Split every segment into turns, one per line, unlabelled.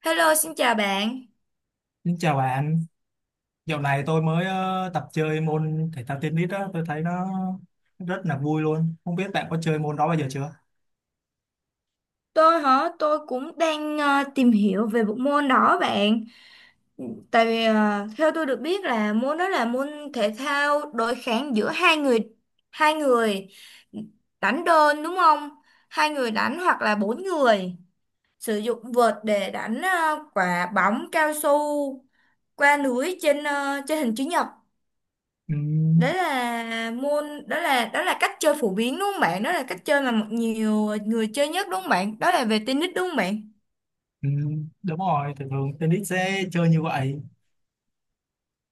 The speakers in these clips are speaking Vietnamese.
Hello, xin chào bạn.
Xin chào bạn, dạo này tôi mới tập chơi môn thể thao tennis đó, tôi thấy nó rất là vui luôn. Không biết bạn có chơi môn đó bao giờ chưa?
Tôi hả? Tôi cũng đang tìm hiểu về bộ môn đó bạn. Tại vì theo tôi được biết là môn đó là môn thể thao đối kháng giữa hai người đánh đơn đúng không? Hai người đánh hoặc là bốn người sử dụng vợt để đánh quả bóng cao su qua lưới trên hình chữ nhật.
Ừ,
Đó là môn đó là cách chơi phổ biến đúng không bạn? Đó là cách chơi mà một nhiều người chơi nhất đúng không bạn? Đó là về tennis đúng không bạn?
ừ, đúng rồi, thường thường tennis sẽ chơi như vậy.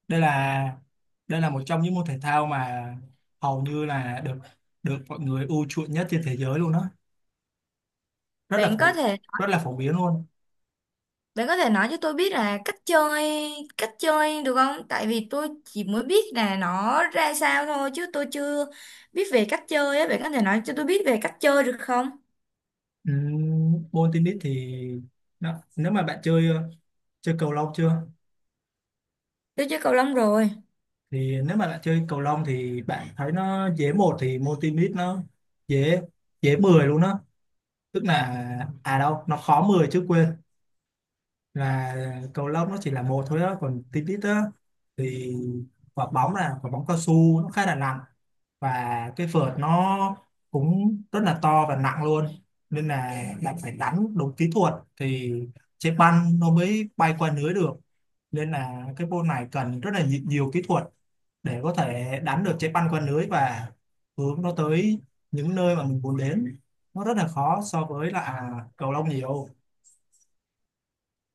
Đây là đây là một trong những môn thể thao mà hầu như là được được mọi người ưa chuộng nhất trên thế giới luôn đó. Rất là
bạn có
phổ
thể
rất là phổ biến luôn.
bạn có thể nói cho tôi biết là cách chơi được không? Tại vì tôi chỉ mới biết là nó ra sao thôi chứ tôi chưa biết về cách chơi á, bạn có thể nói cho tôi biết về cách chơi được không?
Ừ, môn tennis thì nó, nếu mà bạn chơi chơi cầu lông chưa?
Tôi chơi cầu lông rồi.
Thì nếu mà bạn chơi cầu lông thì bạn thấy nó dễ một, thì môn tennis nó dễ dễ 10 luôn đó, tức là à, đâu, nó khó 10 chứ, quên, là cầu lông nó chỉ là một thôi đó, còn tennis á thì quả bóng là quả bóng cao su, nó khá là nặng, và cái vợt nó cũng rất là to và nặng luôn, nên là bạn phải đánh đúng kỹ thuật thì trái banh nó mới bay qua lưới được. Nên là cái môn này cần rất là nhiều kỹ thuật để có thể đánh được trái banh qua lưới và hướng nó tới những nơi mà mình muốn đến. Nó rất là khó so với là à, cầu lông nhiều.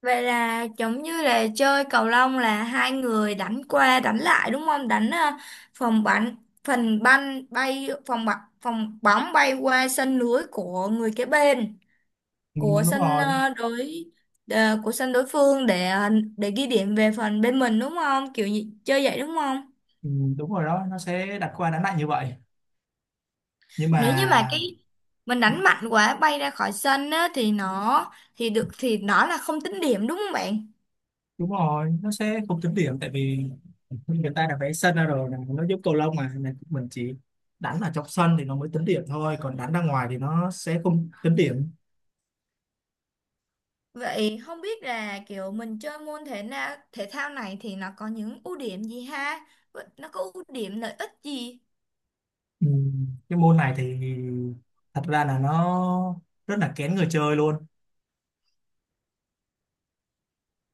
Vậy là giống như là chơi cầu lông là hai người đánh qua đánh lại đúng không? Đánh phòng bắn phần banh bay phòng bóng bay qua sân lưới của người kế bên
Ừ,
của
đúng
sân
rồi.
ờ, đối của sân đối phương để để ghi điểm về phần bên mình đúng không? Kiểu như, chơi vậy đúng không?
Ừ, đúng rồi đó, nó sẽ đặt qua đánh lại như vậy. Nhưng mà
Nếu như mà cái mình đánh mạnh quá bay ra khỏi sân á, thì nó thì nó là không tính điểm đúng không bạn?
đúng rồi, nó sẽ không tính điểm, tại vì người ta đã vẽ sân ra rồi này, nó giúp cầu lông mà này, mình chỉ đánh ở trong sân thì nó mới tính điểm thôi, còn đánh ra ngoài thì nó sẽ không tính điểm.
Vậy không biết là kiểu mình chơi môn thể thao này thì nó có những ưu điểm gì ha? Vậy nó có ưu điểm lợi ích gì?
Ừ, cái môn này thì thật ra là nó rất là kén người chơi luôn,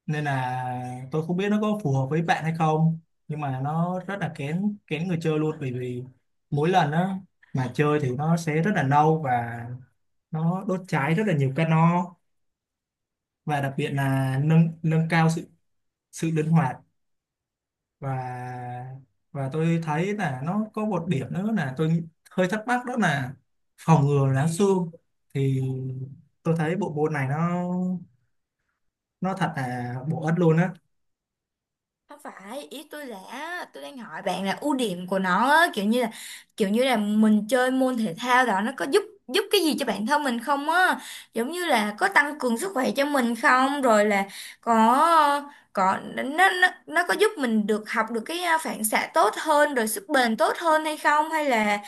nên là tôi không biết nó có phù hợp với bạn hay không, nhưng mà nó rất là kén kén người chơi, luôn bởi vì mỗi lần á mà chơi thì nó sẽ rất là lâu, và nó đốt cháy rất là nhiều calo, và đặc biệt là nâng nâng cao sự sự linh hoạt, và và tôi thấy là nó có một điểm nữa là tôi nghĩ- hơi thắc mắc đó là phòng ngừa lá xương. Thì tôi thấy bộ môn này nó thật là bổ ích luôn á.
Không phải, ý tôi là tôi đang hỏi bạn là ưu điểm của nó á, kiểu như là mình chơi môn thể thao đó nó có giúp giúp cái gì cho bản thân mình không á? Giống như là có tăng cường sức khỏe cho mình không? Rồi là có có nó có giúp mình được học được cái phản xạ tốt hơn rồi sức bền tốt hơn hay không hay là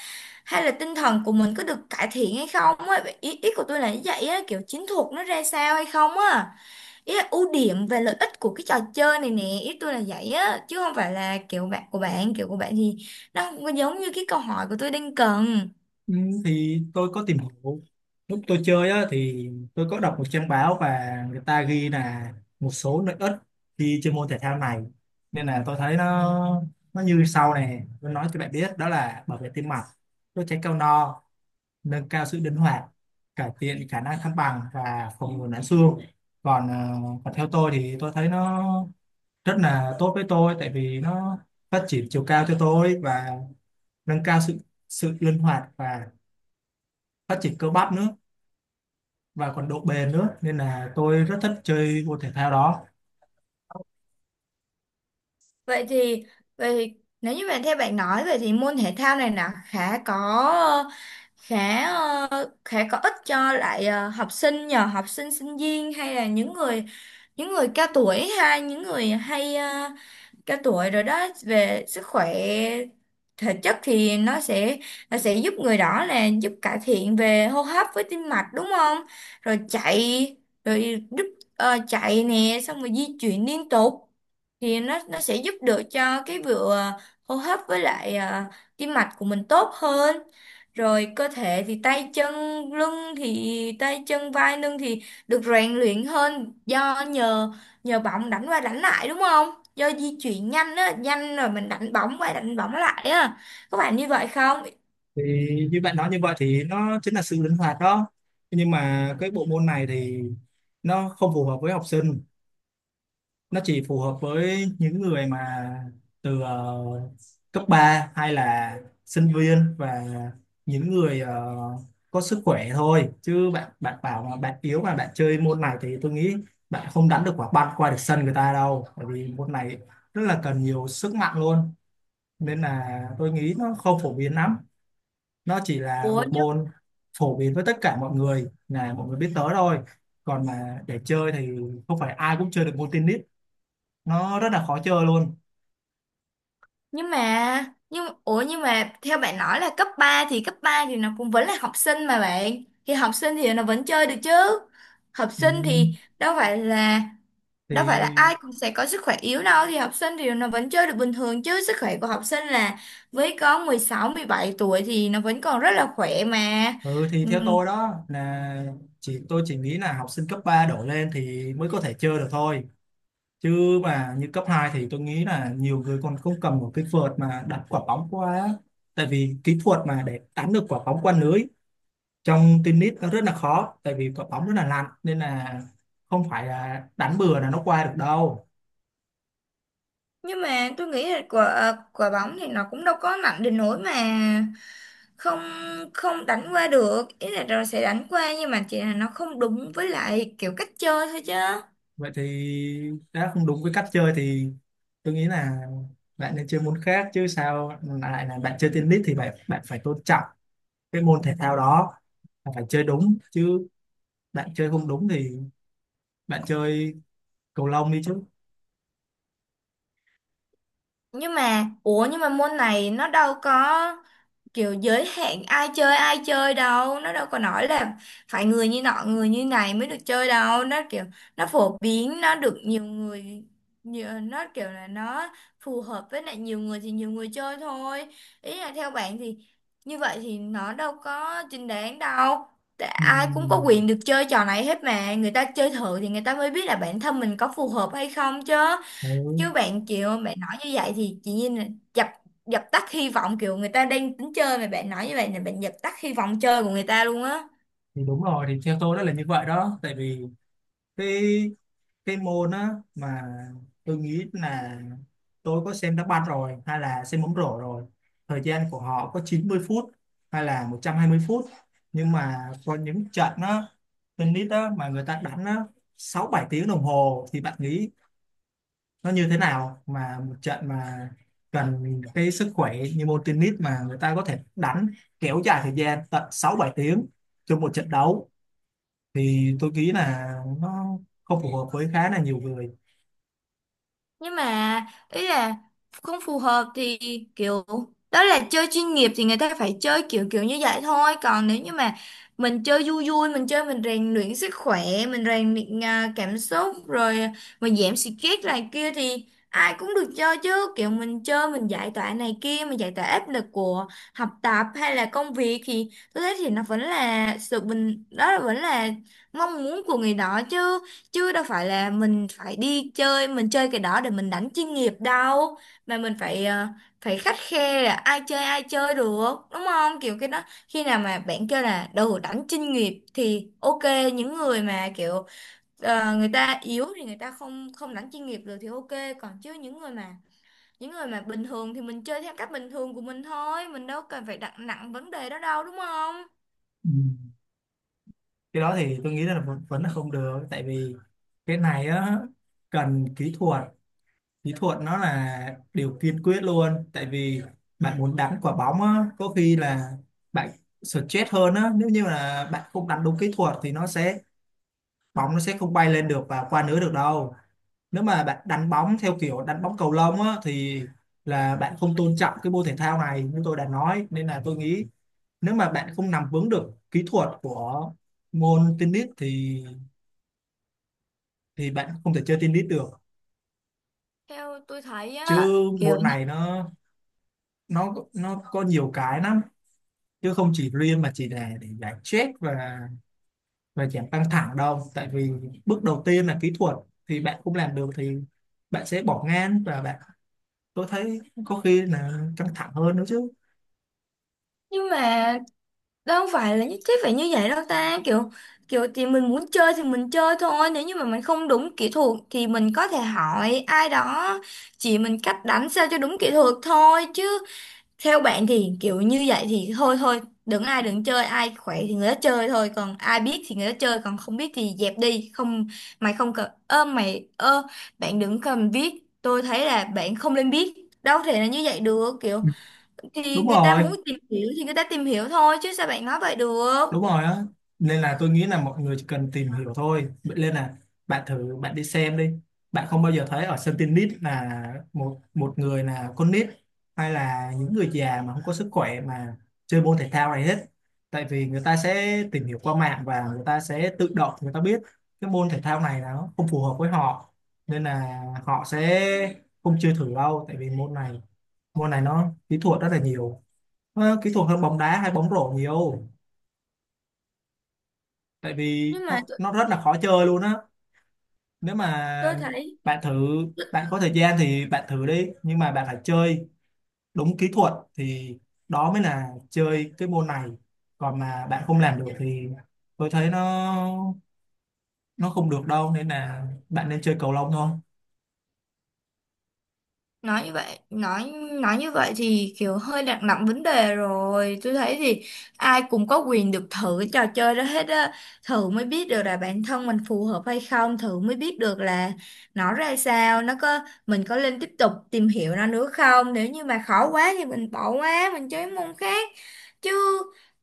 hay là tinh thần của mình có được cải thiện hay không á, ý của tôi là như vậy á, kiểu chiến thuật nó ra sao hay không á, ý là ưu điểm về lợi ích của cái trò chơi này nè, ý tôi là vậy á, chứ không phải là kiểu của bạn thì nó không có giống như cái câu hỏi của tôi đang cần.
Ừ, thì tôi có tìm hiểu, lúc tôi chơi á thì tôi có đọc một trang báo và người ta ghi là một số lợi ích khi chơi môn thể thao này, nên là tôi thấy nó như sau, này tôi nói cho bạn biết đó là bảo vệ tim mạch, đốt cháy cao no, nâng cao sự linh hoạt, cải thiện khả năng thăng bằng và phòng ngừa loãng xương. Còn còn theo tôi thì tôi thấy nó rất là tốt với tôi, tại vì nó phát triển chiều cao cho tôi và nâng cao sự sự linh hoạt và phát triển cơ bắp nữa và còn độ bền nữa, nên là tôi rất thích chơi môn thể thao đó.
Vậy thì vậy thì nếu như theo bạn nói vậy thì môn thể thao này là khá ờ, khá có ích cho lại học sinh sinh viên hay là những người cao tuổi hay những người hay ờ, cả tuổi rồi đó về sức khỏe thể chất thì nó sẽ giúp người đó là giúp cải thiện về hô hấp với tim mạch đúng không, rồi chạy rồi giúp chạy nè xong rồi di chuyển liên tục thì nó sẽ giúp được cho cái vừa hô hấp với lại tim mạch của mình tốt hơn, rồi cơ thể thì tay chân vai lưng thì được rèn luyện hơn do nhờ nhờ bóng đánh qua đánh lại đúng không, do di chuyển nhanh á, nhanh rồi mình đánh bóng qua đánh bóng lại á, có phải như vậy không?
Thì như bạn nói như vậy thì nó chính là sự linh hoạt đó, nhưng mà cái bộ môn này thì nó không phù hợp với học sinh, nó chỉ phù hợp với những người mà từ cấp 3 hay là sinh viên, và những người có sức khỏe thôi, chứ bạn bạn bảo mà bạn yếu mà bạn chơi môn này thì tôi nghĩ bạn không đánh được quả banh qua được sân người ta đâu, bởi vì môn này rất là cần nhiều sức mạnh luôn, nên là tôi nghĩ nó không phổ biến lắm, nó chỉ là
ủa
bộ
nhưng
môn phổ biến với tất cả mọi người, là mọi người biết tới thôi, còn mà để chơi thì không phải ai cũng chơi được môn tennis, nó rất là khó chơi luôn.
nhưng mà nhưng ủa nhưng mà theo bạn nói là cấp ba thì nó cũng vẫn là học sinh mà bạn, thì học sinh thì nó vẫn chơi được chứ, học
ừ,
sinh thì đâu phải là ai
thì
cũng sẽ có sức khỏe yếu đâu, thì học sinh thì nó vẫn chơi được bình thường chứ, sức khỏe của học sinh là với có 16, 17 tuổi thì nó vẫn còn rất là khỏe mà.
ừ, thì
Ừ,
theo tôi đó là tôi chỉ nghĩ là học sinh cấp 3 đổ lên thì mới có thể chơi được thôi, chứ mà như cấp 2 thì tôi nghĩ là nhiều người còn không cầm một cái vợt mà đặt quả bóng qua á. Tại vì kỹ thuật mà để đánh được quả bóng qua lưới trong tennis nó rất là khó, tại vì quả bóng rất là nặng, nên là không phải là đánh bừa là nó qua được đâu.
nhưng mà tôi nghĩ là quả bóng thì nó cũng đâu có mạnh đến nỗi mà không không đánh qua được, ý là rồi sẽ đánh qua nhưng mà chỉ là nó không đúng với lại kiểu cách chơi thôi chứ.
Vậy thì đã không đúng với cách chơi thì tôi nghĩ là bạn nên chơi môn khác chứ, sao lại là bạn chơi tennis thì bạn bạn phải tôn trọng cái môn thể thao đó và phải chơi đúng chứ. Bạn chơi không đúng thì bạn chơi cầu lông đi chứ.
Nhưng mà môn này nó đâu có kiểu giới hạn ai chơi đâu, nó đâu có nói là phải người như nọ người như này mới được chơi đâu, nó kiểu nó phổ biến nó được nhiều người nó kiểu là nó phù hợp với lại nhiều người thì nhiều người chơi thôi, ý là theo bạn thì như vậy thì nó đâu có chính đáng đâu. Tại ai cũng có
Ừm,
quyền được chơi trò này hết mà người ta chơi thử thì người ta mới biết là bản thân mình có phù hợp hay không chứ,
ừ.
chứ bạn kiểu bạn nói như vậy thì chị Nhiên là dập dập tắt hy vọng kiểu người ta đang tính chơi mà bạn nói như vậy là bạn dập tắt hy vọng chơi của người ta luôn á.
Thì đúng rồi, thì theo tôi đó là như vậy đó, tại vì cái cái môn á mà tôi nghĩ là tôi có xem đá banh rồi hay là xem bóng rổ rồi, thời gian của họ có 90 phút hay là 120 phút, nhưng mà có những trận á tennis á mà người ta đánh á 6-7 tiếng đồng hồ, thì bạn nghĩ nó như thế nào mà một trận mà cần cái sức khỏe như môn tennis mà người ta có thể đánh kéo dài thời gian tận 6-7 tiếng trong một trận đấu, thì tôi nghĩ là nó không phù hợp với khá là nhiều người.
Nhưng mà ý là không phù hợp thì kiểu đó là chơi chuyên nghiệp thì người ta phải chơi kiểu kiểu như vậy thôi, còn nếu như mà mình chơi vui vui, mình chơi mình rèn luyện sức khỏe, mình rèn luyện cảm xúc rồi mình giảm stress này kia thì ai cũng được chơi chứ, kiểu mình chơi mình giải tỏa này kia, mình giải tỏa áp lực của học tập hay là công việc thì tôi thấy thì nó vẫn là sự bình đó là vẫn là mong muốn của người đó chứ, chứ đâu phải là mình phải đi chơi, mình chơi cái đó để mình đánh chuyên nghiệp đâu mà mình phải phải khắt khe là ai chơi được đúng không, kiểu cái đó khi nào mà bạn kêu là đồ đánh chuyên nghiệp thì ok, những người mà kiểu người ta yếu thì người ta không không đánh chuyên nghiệp được thì ok, còn chứ những người mà bình thường thì mình chơi theo cách bình thường của mình thôi, mình đâu cần phải đặt nặng vấn đề đó đâu đúng không.
Ừ. Cái đó thì tôi nghĩ là vẫn là không được, tại vì cái này á cần kỹ thuật, kỹ thuật nó là điều kiên quyết luôn, tại vì bạn muốn đánh quả bóng á có khi là bạn stress hơn á, nếu như là bạn không đánh đúng kỹ thuật thì nó sẽ bóng nó sẽ không bay lên được và qua lưới được đâu. Nếu mà bạn đánh bóng theo kiểu đánh bóng cầu lông á thì là bạn không tôn trọng cái môn thể thao này như tôi đã nói, nên là tôi nghĩ nếu mà bạn không nắm vững được kỹ thuật của môn tennis thì bạn không thể chơi tennis được.
Theo tôi thấy
Chứ
á,
môn này nó nó có nhiều cái lắm, chứ không chỉ riêng mà chỉ là để giải stress và giảm căng thẳng đâu, tại vì bước đầu tiên là kỹ thuật, thì bạn không làm được thì bạn sẽ bỏ ngang và bạn, tôi thấy, có khi là căng thẳng hơn nữa chứ.
nhưng mà đâu không phải là nhất thiết phải như vậy đâu ta, kiểu kiểu thì mình muốn chơi thì mình chơi thôi, nếu như mà mình không đúng kỹ thuật thì mình có thể hỏi ai đó chỉ mình cách đánh sao cho đúng kỹ thuật thôi chứ. Theo bạn thì kiểu như vậy thì thôi thôi đừng ai đừng chơi, ai khỏe thì người đó chơi thôi, còn ai biết thì người đó chơi còn không biết thì dẹp đi không, mày không cần ơ mày ơ bạn đừng cần viết, tôi thấy là bạn không nên biết, đâu thể là như vậy được kiểu,
Ừ,
thì
đúng
người ta muốn
rồi,
tìm hiểu thì người ta tìm hiểu thôi chứ sao bạn nói vậy
đúng
được.
rồi á, nên là tôi nghĩ là mọi người chỉ cần tìm hiểu thôi. Vậy nên là bạn thử bạn đi xem đi, bạn không bao giờ thấy ở sân tennis là một một người là con nít hay là những người già mà không có sức khỏe mà chơi môn thể thao này hết, tại vì người ta sẽ tìm hiểu qua mạng và người ta sẽ tự động người ta biết cái môn thể thao này nó không phù hợp với họ, nên là họ sẽ không chơi thử đâu, tại vì môn này nó kỹ thuật rất là nhiều. Nó kỹ thuật hơn bóng đá hay bóng rổ nhiều, tại vì
Nhưng mà
nó
tôi,
nó rất là khó chơi luôn á. Nếu mà
tôi thấy
bạn thử, bạn có thời gian thì bạn thử đi, nhưng mà bạn phải chơi đúng kỹ thuật thì đó mới là chơi cái môn này. Còn mà bạn không làm được thì tôi thấy nó không được đâu, nên là bạn nên chơi cầu lông thôi.
nói như vậy nói nói như vậy thì kiểu hơi đặt nặng vấn đề rồi, tôi thấy thì ai cũng có quyền được thử cái trò chơi đó hết á, thử mới biết được là bản thân mình phù hợp hay không, thử mới biết được là nó ra sao, nó có mình có nên tiếp tục tìm hiểu nó nữa không, nếu như mà khó quá thì mình bỏ qua mình chơi môn khác chứ,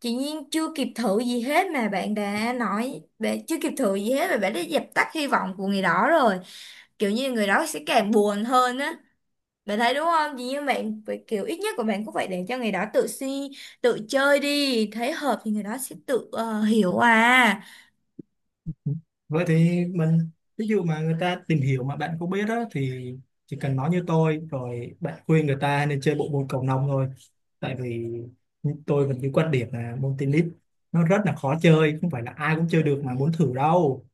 chị Nhiên chưa kịp thử gì hết mà bạn đã nói, bạn chưa kịp thử gì hết mà bạn đã dập tắt hy vọng của người đó rồi, kiểu như người đó sẽ càng buồn hơn á, bạn thấy đúng không? Vì như bạn vậy kiểu ít nhất của bạn cũng phải để cho người đó tự chơi đi, thấy hợp thì người đó sẽ tự hiểu à.
Vậy thì mình, ví dụ mà người ta tìm hiểu mà bạn không biết đó thì chỉ cần nói như tôi, rồi bạn khuyên người ta nên chơi bộ môn cầu lông thôi, tại vì tôi vẫn cái quan điểm là môn tennis nó rất là khó chơi, không phải là ai cũng chơi được mà muốn thử đâu.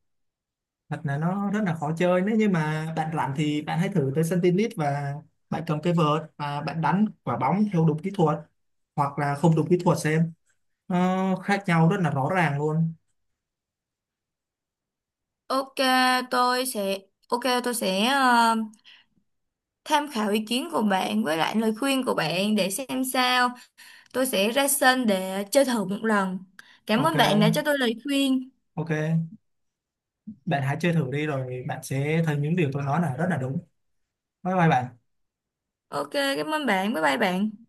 Thật là nó rất là khó chơi, nếu như mà bạn rảnh thì bạn hãy thử tới sân tennis và bạn cầm cái vợt và bạn đánh quả bóng theo đúng kỹ thuật hoặc là không đúng kỹ thuật xem, nó khác nhau rất là rõ ràng luôn.
Ok, tôi sẽ ok tôi sẽ tham khảo ý kiến của bạn với lại lời khuyên của bạn để xem sao. Tôi sẽ ra sân để chơi thử một lần. Cảm ơn bạn đã cho
Ok,
tôi lời khuyên.
ok, bạn hãy chơi thử đi rồi bạn sẽ thấy những điều tôi nói là rất là đúng. Bye bye bạn.
Ok, cảm ơn bạn. Bye bye bạn.